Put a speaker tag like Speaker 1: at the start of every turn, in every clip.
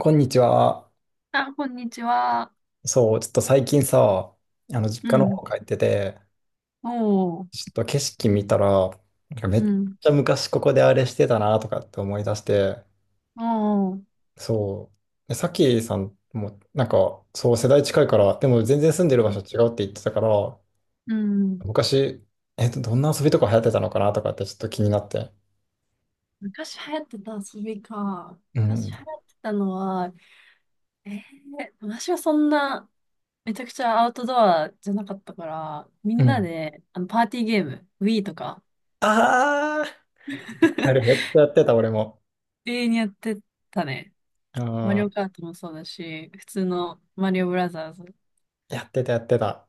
Speaker 1: こんにちは。
Speaker 2: あ、こんにちは。
Speaker 1: そう、ちょっと最近さ、実
Speaker 2: う
Speaker 1: 家の
Speaker 2: ん。
Speaker 1: 方帰ってて、
Speaker 2: おー。
Speaker 1: ちょっと景色見たら、なんかめ
Speaker 2: う
Speaker 1: っ
Speaker 2: ん。
Speaker 1: ちゃ昔ここであれしてたなとかって思い出して、
Speaker 2: おー。
Speaker 1: そう。で、さっきさんも、なんか、そう、世代近いから、でも全然住んでる場所違うって言ってたから、
Speaker 2: うん。
Speaker 1: 昔、どんな遊びとか流行ってたのかなとかってちょっと気になって。
Speaker 2: 昔流行ってた遊びか。
Speaker 1: う
Speaker 2: 昔
Speaker 1: ん。
Speaker 2: 流行ってたのは、えー、私はそんな、めちゃくちゃアウトドアじゃなかったから、み
Speaker 1: う
Speaker 2: んな
Speaker 1: ん。
Speaker 2: で、パーティーゲーム、Wii とか、
Speaker 1: ああ、あれめ っちゃやってた、俺も。
Speaker 2: 永遠にやってたね。
Speaker 1: う
Speaker 2: マリ
Speaker 1: ん。
Speaker 2: オカートもそうだし、普通のマリオブラザーズ。
Speaker 1: やってた、やってた。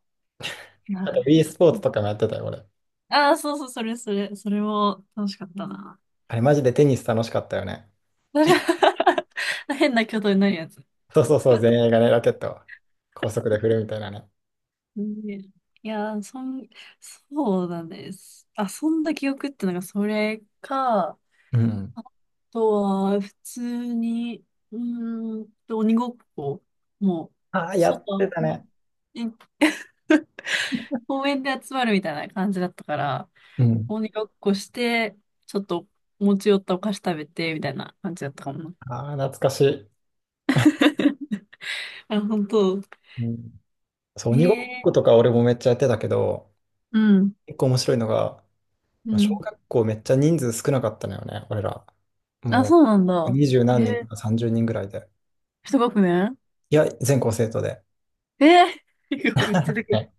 Speaker 1: あと、
Speaker 2: あ
Speaker 1: e スポーツとかもやってたよ、俺。
Speaker 2: あー、そうそう、それ、それ、それも楽しかったな。
Speaker 1: あれ、マジでテニス楽しかったよね。
Speaker 2: 楽し かった 変な挙動になるやつ。
Speaker 1: そうそうそう、前衛がね、ラケットを高速で振るみたいなね。
Speaker 2: ね、いやー、そん、そうだね。す遊んだ記憶ってのがそれか、あ
Speaker 1: うん。
Speaker 2: とは、普通に、鬼ごっこ、もう、
Speaker 1: ああ、やって
Speaker 2: 外、
Speaker 1: た
Speaker 2: ま
Speaker 1: ね。
Speaker 2: え公園で集まるみたいな感じだったから、
Speaker 1: うん。
Speaker 2: 鬼ごっこして、ちょっと持ち寄ったお菓子食べて、みたいな感じだったかもな。
Speaker 1: ああ、懐かしい。
Speaker 2: あ、本当。
Speaker 1: うん。そう、
Speaker 2: へ
Speaker 1: 鬼ごっ
Speaker 2: え。
Speaker 1: ことか俺もめっちゃやってたけど、
Speaker 2: うん。
Speaker 1: 結構面白いのが、
Speaker 2: う
Speaker 1: 小
Speaker 2: ん。
Speaker 1: 学校めっちゃ人数少なかったのよね、俺ら。
Speaker 2: あ、
Speaker 1: も
Speaker 2: そうなん
Speaker 1: う、
Speaker 2: だ。
Speaker 1: 二十
Speaker 2: へ
Speaker 1: 何人と
Speaker 2: え。
Speaker 1: か三十人ぐらいで。
Speaker 2: 一学年。
Speaker 1: いや、全校生徒で。
Speaker 2: えー めっちゃでかい。
Speaker 1: ね。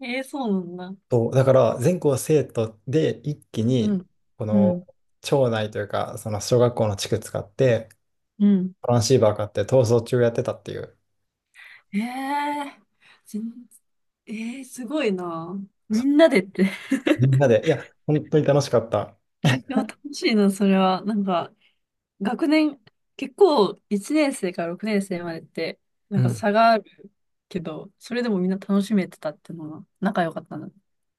Speaker 2: ええ、そうなんだ。
Speaker 1: そう、だから、全校生徒で一気
Speaker 2: う
Speaker 1: に、
Speaker 2: ん。
Speaker 1: こ
Speaker 2: う
Speaker 1: の、
Speaker 2: ん。
Speaker 1: 町内というか、その小学校の地区使って、
Speaker 2: うん。
Speaker 1: トランシーバー買って逃走中やってたっていう。
Speaker 2: ええ。全。ええ、すごいな。
Speaker 1: そ
Speaker 2: み
Speaker 1: う、
Speaker 2: んなでって。い
Speaker 1: みんなで、いや、本当に楽しかった。
Speaker 2: や、楽しいな、それは。なんか、学年、結構、1年生から6年生までって、な
Speaker 1: う
Speaker 2: んか
Speaker 1: ん。
Speaker 2: 差があるけど、それでもみんな楽しめてたっていうのが、仲良かったんだ。う。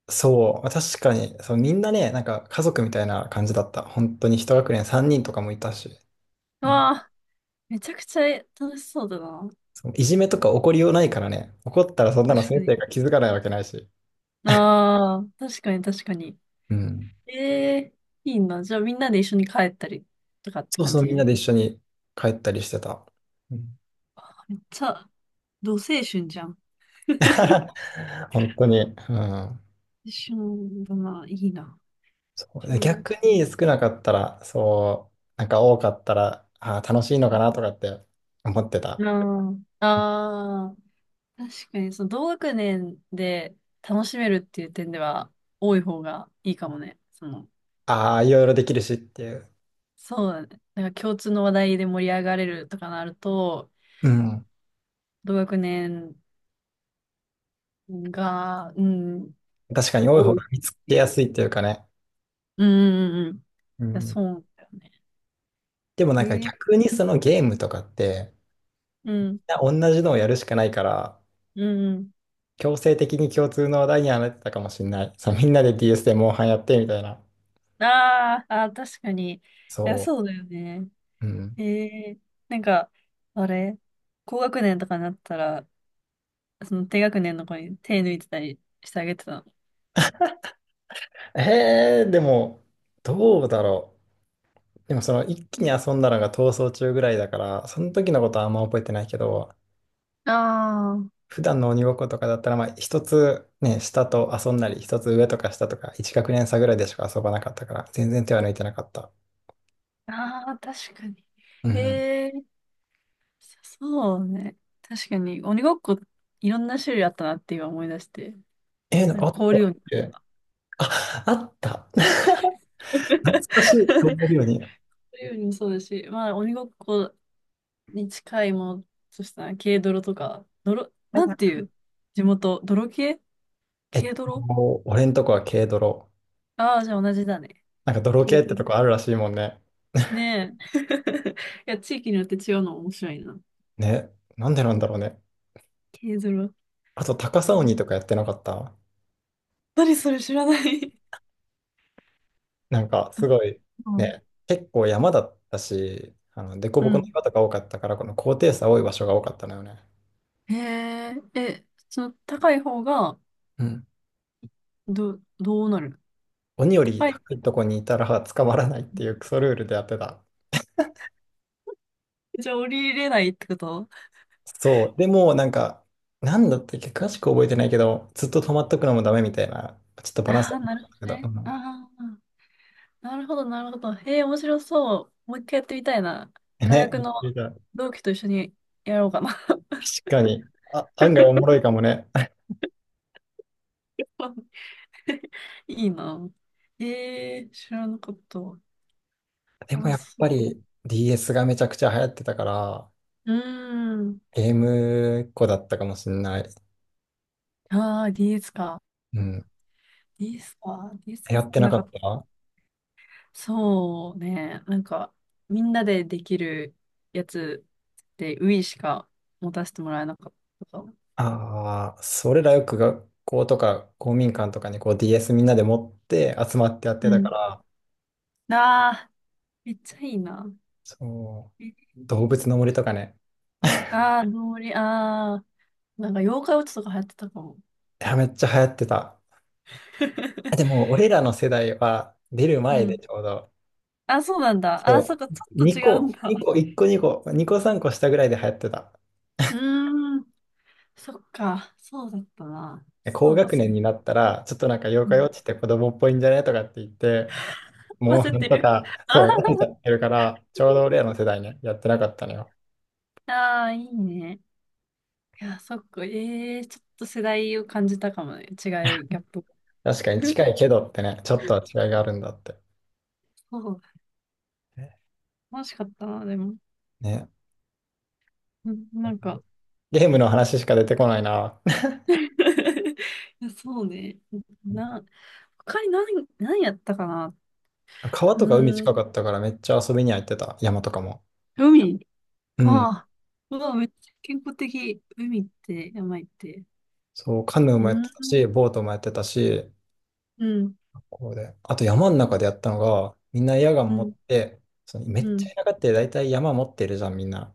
Speaker 1: そう、確かに、そう、みんなね、なんか家族みたいな感じだった。本当に一学年3人とかもいたし、うん、
Speaker 2: わあ、めちゃくちゃ楽しそうだな。
Speaker 1: そういじめとか起こりようないからね、怒ったらそんなの
Speaker 2: 確か
Speaker 1: 先生
Speaker 2: に。
Speaker 1: が気づかないわけないし、
Speaker 2: ああ、確かに、確かに。
Speaker 1: うん。
Speaker 2: ええ。いいな。じゃあ、みんなで一緒に帰ったりとかって
Speaker 1: そう
Speaker 2: 感
Speaker 1: そう、みんな
Speaker 2: じ。
Speaker 1: で一緒に帰ったりしてた。うん。
Speaker 2: めっちゃ、同青春じゃん。
Speaker 1: 本当に、うん、
Speaker 2: 一緒だな、いいな。
Speaker 1: そう。
Speaker 2: 一
Speaker 1: で
Speaker 2: 緒ん。
Speaker 1: 逆に少なかったら、そう、なんか多かったら、あー楽しいのかなとかって思ってた。
Speaker 2: あ、ああ、確かに、その同学年で楽しめるっていう点では、多い方がいいかもね。その、
Speaker 1: ああ、いろいろできるしっていう。
Speaker 2: そうだね。なんか共通の話題で盛り上がれるとかなると、
Speaker 1: うん。
Speaker 2: 同学年が、うん、
Speaker 1: 確かに多い
Speaker 2: 多
Speaker 1: 方
Speaker 2: いっ
Speaker 1: が見つ
Speaker 2: て
Speaker 1: けや
Speaker 2: い
Speaker 1: す
Speaker 2: う。
Speaker 1: いっていうかね。
Speaker 2: うんうんうんうん。い
Speaker 1: う
Speaker 2: や、
Speaker 1: ん。
Speaker 2: そうだよね。
Speaker 1: でもな
Speaker 2: え
Speaker 1: んか
Speaker 2: ー、
Speaker 1: 逆にそのゲームとかって、
Speaker 2: うん、
Speaker 1: みんな同じのをやるしかないから、
Speaker 2: うんうん。
Speaker 1: 強制的に共通の話題にはなってたかもしれない。そう、みんなで DS でモンハンやってみたいな。
Speaker 2: あーあー、確かに。いや、
Speaker 1: そ
Speaker 2: そうだよね。
Speaker 1: う。うん。
Speaker 2: ええ、なんか、あれ、高学年とかになったら、その低学年の子に手抜いてたりしてあげてたの。
Speaker 1: でも、どうだろう。でもその一気に遊んだのが逃走中ぐらいだから、その時のことはあんま覚えてないけど、
Speaker 2: あ
Speaker 1: 普段の鬼ごっことかだったら、まあ、一つね、下と遊んだり、一つ上とか下とか、一学年差ぐらいでしか遊ばなかったから、全然手は抜いてなかった。
Speaker 2: あ、ああ、確かに。
Speaker 1: うん。
Speaker 2: ええ、そうね。確かに、鬼ごっこ、いろんな種類あったなって今思い出して。なん
Speaker 1: あ
Speaker 2: か
Speaker 1: った
Speaker 2: 氷
Speaker 1: っ
Speaker 2: 鬼。
Speaker 1: け。あ、あった。懐 かしい、こうなるよう
Speaker 2: 氷
Speaker 1: に。は
Speaker 2: 鬼もそうだし、まあ、鬼ごっこに近いものとしたら、軽泥とか、泥、
Speaker 1: い
Speaker 2: なん
Speaker 1: は
Speaker 2: て
Speaker 1: い。
Speaker 2: いう地元、泥系、軽泥。
Speaker 1: 俺んとこは軽泥。
Speaker 2: ああー、じゃあ同じだね。
Speaker 1: なんか泥系
Speaker 2: 軽
Speaker 1: ってと
Speaker 2: 泥。
Speaker 1: こあるらしいもんね。
Speaker 2: ねえ。いや、地域によって違うの面白いな。
Speaker 1: ね、なんでなんだろうね。
Speaker 2: 軽泥。
Speaker 1: あと、高さ
Speaker 2: う
Speaker 1: 鬼
Speaker 2: ん、
Speaker 1: とかやってなかった。
Speaker 2: 何それ知らない。
Speaker 1: なんか、すごい、
Speaker 2: うん
Speaker 1: ね、結構山だったし、凸
Speaker 2: う
Speaker 1: 凹の
Speaker 2: ん。
Speaker 1: 岩とか多かったから、この高低差多い場所が多かったのよね。
Speaker 2: へえ、え、その高い方が、
Speaker 1: うん。
Speaker 2: ど、どうなる。
Speaker 1: 鬼より
Speaker 2: 高い。
Speaker 1: 高いとこにいたら捕まらないっていうクソルールでやってた。
Speaker 2: じゃあ降りれないってこと。
Speaker 1: そう。でも、なんか、なんだったっけ、詳しく覚えてないけど、ずっと止まっとくのもダメみたいな、ちょっとバランス
Speaker 2: あ
Speaker 1: だ
Speaker 2: あ
Speaker 1: っ
Speaker 2: ー、なるほ
Speaker 1: た
Speaker 2: ど
Speaker 1: けど。う
Speaker 2: ね。
Speaker 1: ん。
Speaker 2: ああ、なるほど、なるほど。へえ、面白そう。もう一回やってみたいな。大学の
Speaker 1: ね、確
Speaker 2: 同期と一緒にやろうかな。
Speaker 1: かに。あ、案外おもろいかもね。
Speaker 2: いいな。ええ、知らなかった。
Speaker 1: でも
Speaker 2: あ、
Speaker 1: やっ
Speaker 2: そ
Speaker 1: ぱり DS がめちゃくちゃ流行ってたから、
Speaker 2: う。うーん。
Speaker 1: ゲームっ子だったかもしんない。
Speaker 2: ああ、DS か。
Speaker 1: うん。
Speaker 2: DS か。DS
Speaker 1: 流
Speaker 2: 持
Speaker 1: 行
Speaker 2: っ
Speaker 1: って
Speaker 2: て
Speaker 1: な
Speaker 2: な
Speaker 1: か
Speaker 2: かっ
Speaker 1: っ
Speaker 2: た。
Speaker 1: た。
Speaker 2: そうね。なんか、みんなでできるやつで、Wii しか持たせてもらえなかったかも。
Speaker 1: ああそれらよく学校とか公民館とかにこう DS みんなで持って集まってやっ
Speaker 2: う
Speaker 1: てたか
Speaker 2: ん。
Speaker 1: ら、
Speaker 2: ああ、めっちゃいいな。
Speaker 1: そう、
Speaker 2: え
Speaker 1: 動物
Speaker 2: ー。
Speaker 1: の森とかね。
Speaker 2: ああ、ノーリ、ああ、なんか妖怪ウォッチとか流行ってたかも。
Speaker 1: いや、めっちゃ流行ってた。あ でも、俺らの世代は出る
Speaker 2: う
Speaker 1: 前で
Speaker 2: ん。
Speaker 1: ちょうど、
Speaker 2: あ、そうなんだ。あ、そっ
Speaker 1: そ
Speaker 2: か、ち
Speaker 1: う、
Speaker 2: ょっ
Speaker 1: 2
Speaker 2: と違うん
Speaker 1: 個、
Speaker 2: だ。
Speaker 1: 2個、1個2個、2個3個下ぐらいで流行ってた。
Speaker 2: うーん。そっか。そうだったな。
Speaker 1: 高
Speaker 2: そうだ、
Speaker 1: 学
Speaker 2: そ
Speaker 1: 年
Speaker 2: う。
Speaker 1: になったら、ちょっとなんか妖
Speaker 2: う
Speaker 1: 怪ウォ
Speaker 2: ん、
Speaker 1: ッチって子供っぽいんじゃねとかって言って、モン
Speaker 2: 忘
Speaker 1: ハン
Speaker 2: て
Speaker 1: と
Speaker 2: る。
Speaker 1: か、
Speaker 2: あ
Speaker 1: そ
Speaker 2: ー
Speaker 1: う、思ってたってるから、ちょうど俺らの世代ね、やってなかったのよ。
Speaker 2: あー、いいね。いや、そっか。ええー、ちょっと世代を感じたかもね。違い、ギャップ。
Speaker 1: 確かに近いけどってね、ちょっとは違いがあるんだって。
Speaker 2: そう。楽しかったな、でも。
Speaker 1: ね。
Speaker 2: うん、なんか
Speaker 1: ゲームの話しか出てこないな。
Speaker 2: いや、そうね。な、他に何、何やったかな。
Speaker 1: 川
Speaker 2: う
Speaker 1: とか海近
Speaker 2: ー
Speaker 1: か
Speaker 2: ん。
Speaker 1: ったからめっちゃ遊びには行ってた。山とかも。
Speaker 2: 海。
Speaker 1: う
Speaker 2: あ
Speaker 1: ん。
Speaker 2: あ。うわ、めっちゃ健康的。海って、山行って。
Speaker 1: そう、カヌー
Speaker 2: う
Speaker 1: もやっ
Speaker 2: ーん。
Speaker 1: てたし、ボートもやってたし、
Speaker 2: うん。
Speaker 1: こうで。あと山の中でやったのが、みんなエアガ
Speaker 2: う
Speaker 1: ン持
Speaker 2: ん。
Speaker 1: って、そのめ
Speaker 2: う
Speaker 1: っち
Speaker 2: ん。
Speaker 1: ゃ田舎って大体山持ってるじゃん、みんな。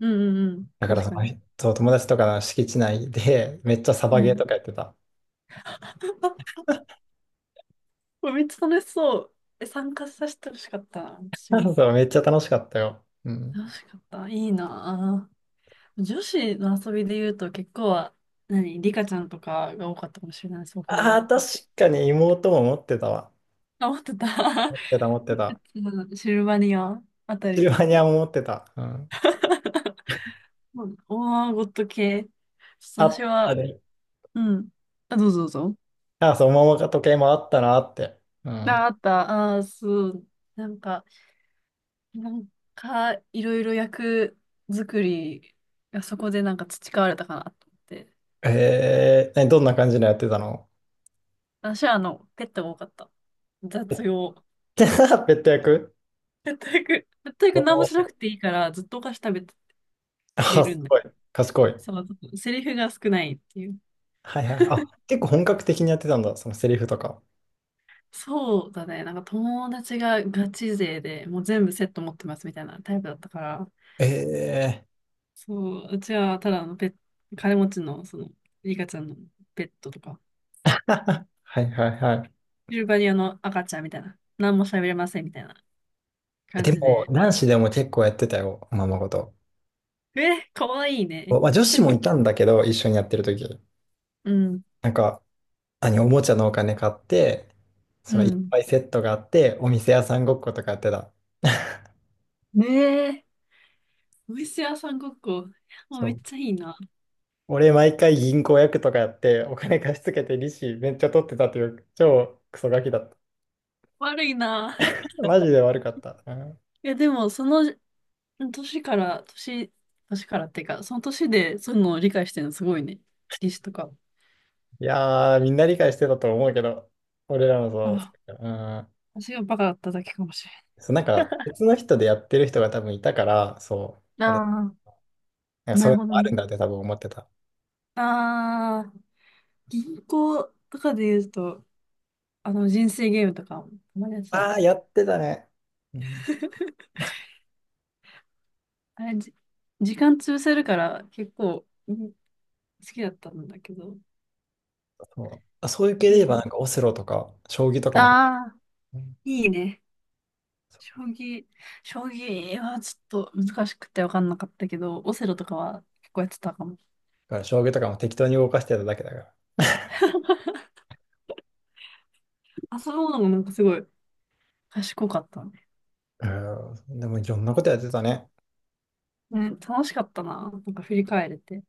Speaker 2: うん。うん。うん、
Speaker 1: だから
Speaker 2: 確
Speaker 1: そ
Speaker 2: か
Speaker 1: の、
Speaker 2: に。
Speaker 1: そう、友達とかの敷地内で、めっちゃサバ
Speaker 2: う
Speaker 1: ゲー
Speaker 2: ん。
Speaker 1: とかやってた。
Speaker 2: これめっちゃ楽しそう。え、参加させてほしかったな。私 も。
Speaker 1: そう、めっちゃ楽しかったよ。うん。
Speaker 2: 楽しかった。いいなぁ。女子の遊びで言うと結構は、何、リカちゃんとかが多かったかもしれない。そう考
Speaker 1: あ
Speaker 2: え
Speaker 1: あ、
Speaker 2: る
Speaker 1: 確
Speaker 2: と。
Speaker 1: かに妹も持ってたわ。
Speaker 2: あ、思ってた。
Speaker 1: 持ってた、持って
Speaker 2: リカ
Speaker 1: た。
Speaker 2: ちゃん、シルバニアあた
Speaker 1: シ
Speaker 2: り
Speaker 1: ルバ
Speaker 2: の、
Speaker 1: ニアも持ってた。うん。
Speaker 2: うん、オーアーゴット系。
Speaker 1: あ
Speaker 2: 私
Speaker 1: った
Speaker 2: は、
Speaker 1: で、
Speaker 2: うん。あ、どうぞどうぞ。
Speaker 1: あ、そう、桃か時計もあったなって。うん。
Speaker 2: あ、あった。あー、そう。なんか、なんいろいろ役作りがそこでなんか培われたかなと思って。
Speaker 1: どんな感じのやってたの。
Speaker 2: 私はあの、ペットが多かった。
Speaker 1: ペ
Speaker 2: 雑用。
Speaker 1: ッ ペット役。
Speaker 2: 全く、全
Speaker 1: お
Speaker 2: く何もしな
Speaker 1: ー、
Speaker 2: くていいから、ずっとお菓子食べて
Speaker 1: あ、
Speaker 2: れる
Speaker 1: す
Speaker 2: んだ。
Speaker 1: ごい。賢い。
Speaker 2: そう、セリフが少ないっていう。
Speaker 1: はいはい。あ、結構本格的にやってたんだ、そのセリフとか。
Speaker 2: そうだね。なんか友達がガチ勢で、もう全部セット持ってますみたいなタイプだったから、
Speaker 1: え
Speaker 2: そう、うちはただのペット、金持ちの、その、リカちゃんのペットとか、
Speaker 1: ー、はいはいはい。
Speaker 2: シルバニアの赤ちゃんみたいな、何も喋れませんみたいな感
Speaker 1: で
Speaker 2: じ
Speaker 1: も、
Speaker 2: で、
Speaker 1: 男子でも結構やってたよ、おままごと。
Speaker 2: え、かわいい
Speaker 1: お、
Speaker 2: ね。
Speaker 1: まあ、女子もいたんだけど、一緒にやってる時。
Speaker 2: うん、
Speaker 1: なんか、何、おもちゃのお金買って、
Speaker 2: う
Speaker 1: そのいっ
Speaker 2: ん。
Speaker 1: ぱいセットがあって、お店屋さんごっことかやってた。
Speaker 2: ねえ。お店屋さんごっこ。もう
Speaker 1: そ
Speaker 2: めっ
Speaker 1: う。
Speaker 2: ちゃいいな。
Speaker 1: 俺毎回銀行役とかやってお金貸し付けて利子めっちゃ取ってたという超クソガキだった。
Speaker 2: 悪いな。
Speaker 1: マジで悪かった。うん、
Speaker 2: いや、でも、その年から、年、年からっていうか、その年でそういうのを理解してるのすごいね。リ史とか。
Speaker 1: いやー、みんな理解してたと思うけど、俺らもそ
Speaker 2: あ、
Speaker 1: う。うん、
Speaker 2: 私がバカだっただけかもしれ
Speaker 1: そう、なんか別の人でやってる人が多分いたから、そう、
Speaker 2: ない。
Speaker 1: 俺、
Speaker 2: ああ、
Speaker 1: なんか
Speaker 2: な
Speaker 1: そうい
Speaker 2: る
Speaker 1: うの
Speaker 2: ほど
Speaker 1: もある
Speaker 2: ね。
Speaker 1: んだって多分思ってた。
Speaker 2: ああ、銀行とかで言うと、あの人生ゲームとかもたまにやってた
Speaker 1: ああ、
Speaker 2: ね。
Speaker 1: やってたね。うん、
Speaker 2: あれ、じ、時間潰せるから結構、うん、好きだったんだけど。
Speaker 1: そう。あ、そういう系
Speaker 2: う
Speaker 1: で言えばな
Speaker 2: ん、
Speaker 1: んかオセロとか将棋とか
Speaker 2: あ
Speaker 1: も、
Speaker 2: あ、
Speaker 1: うん、
Speaker 2: いいね。
Speaker 1: そう。
Speaker 2: 将棋、将棋はちょっと難しくて分かんなかったけど、オセロとかは結構やってたかも。
Speaker 1: だから将棋とかも適当に動かしてただけだから。
Speaker 2: 遊ぶのもなんかすごい賢かったね。
Speaker 1: うん、でもいろんなことやってたね。
Speaker 2: ね、楽しかったな。なんか振り返れて。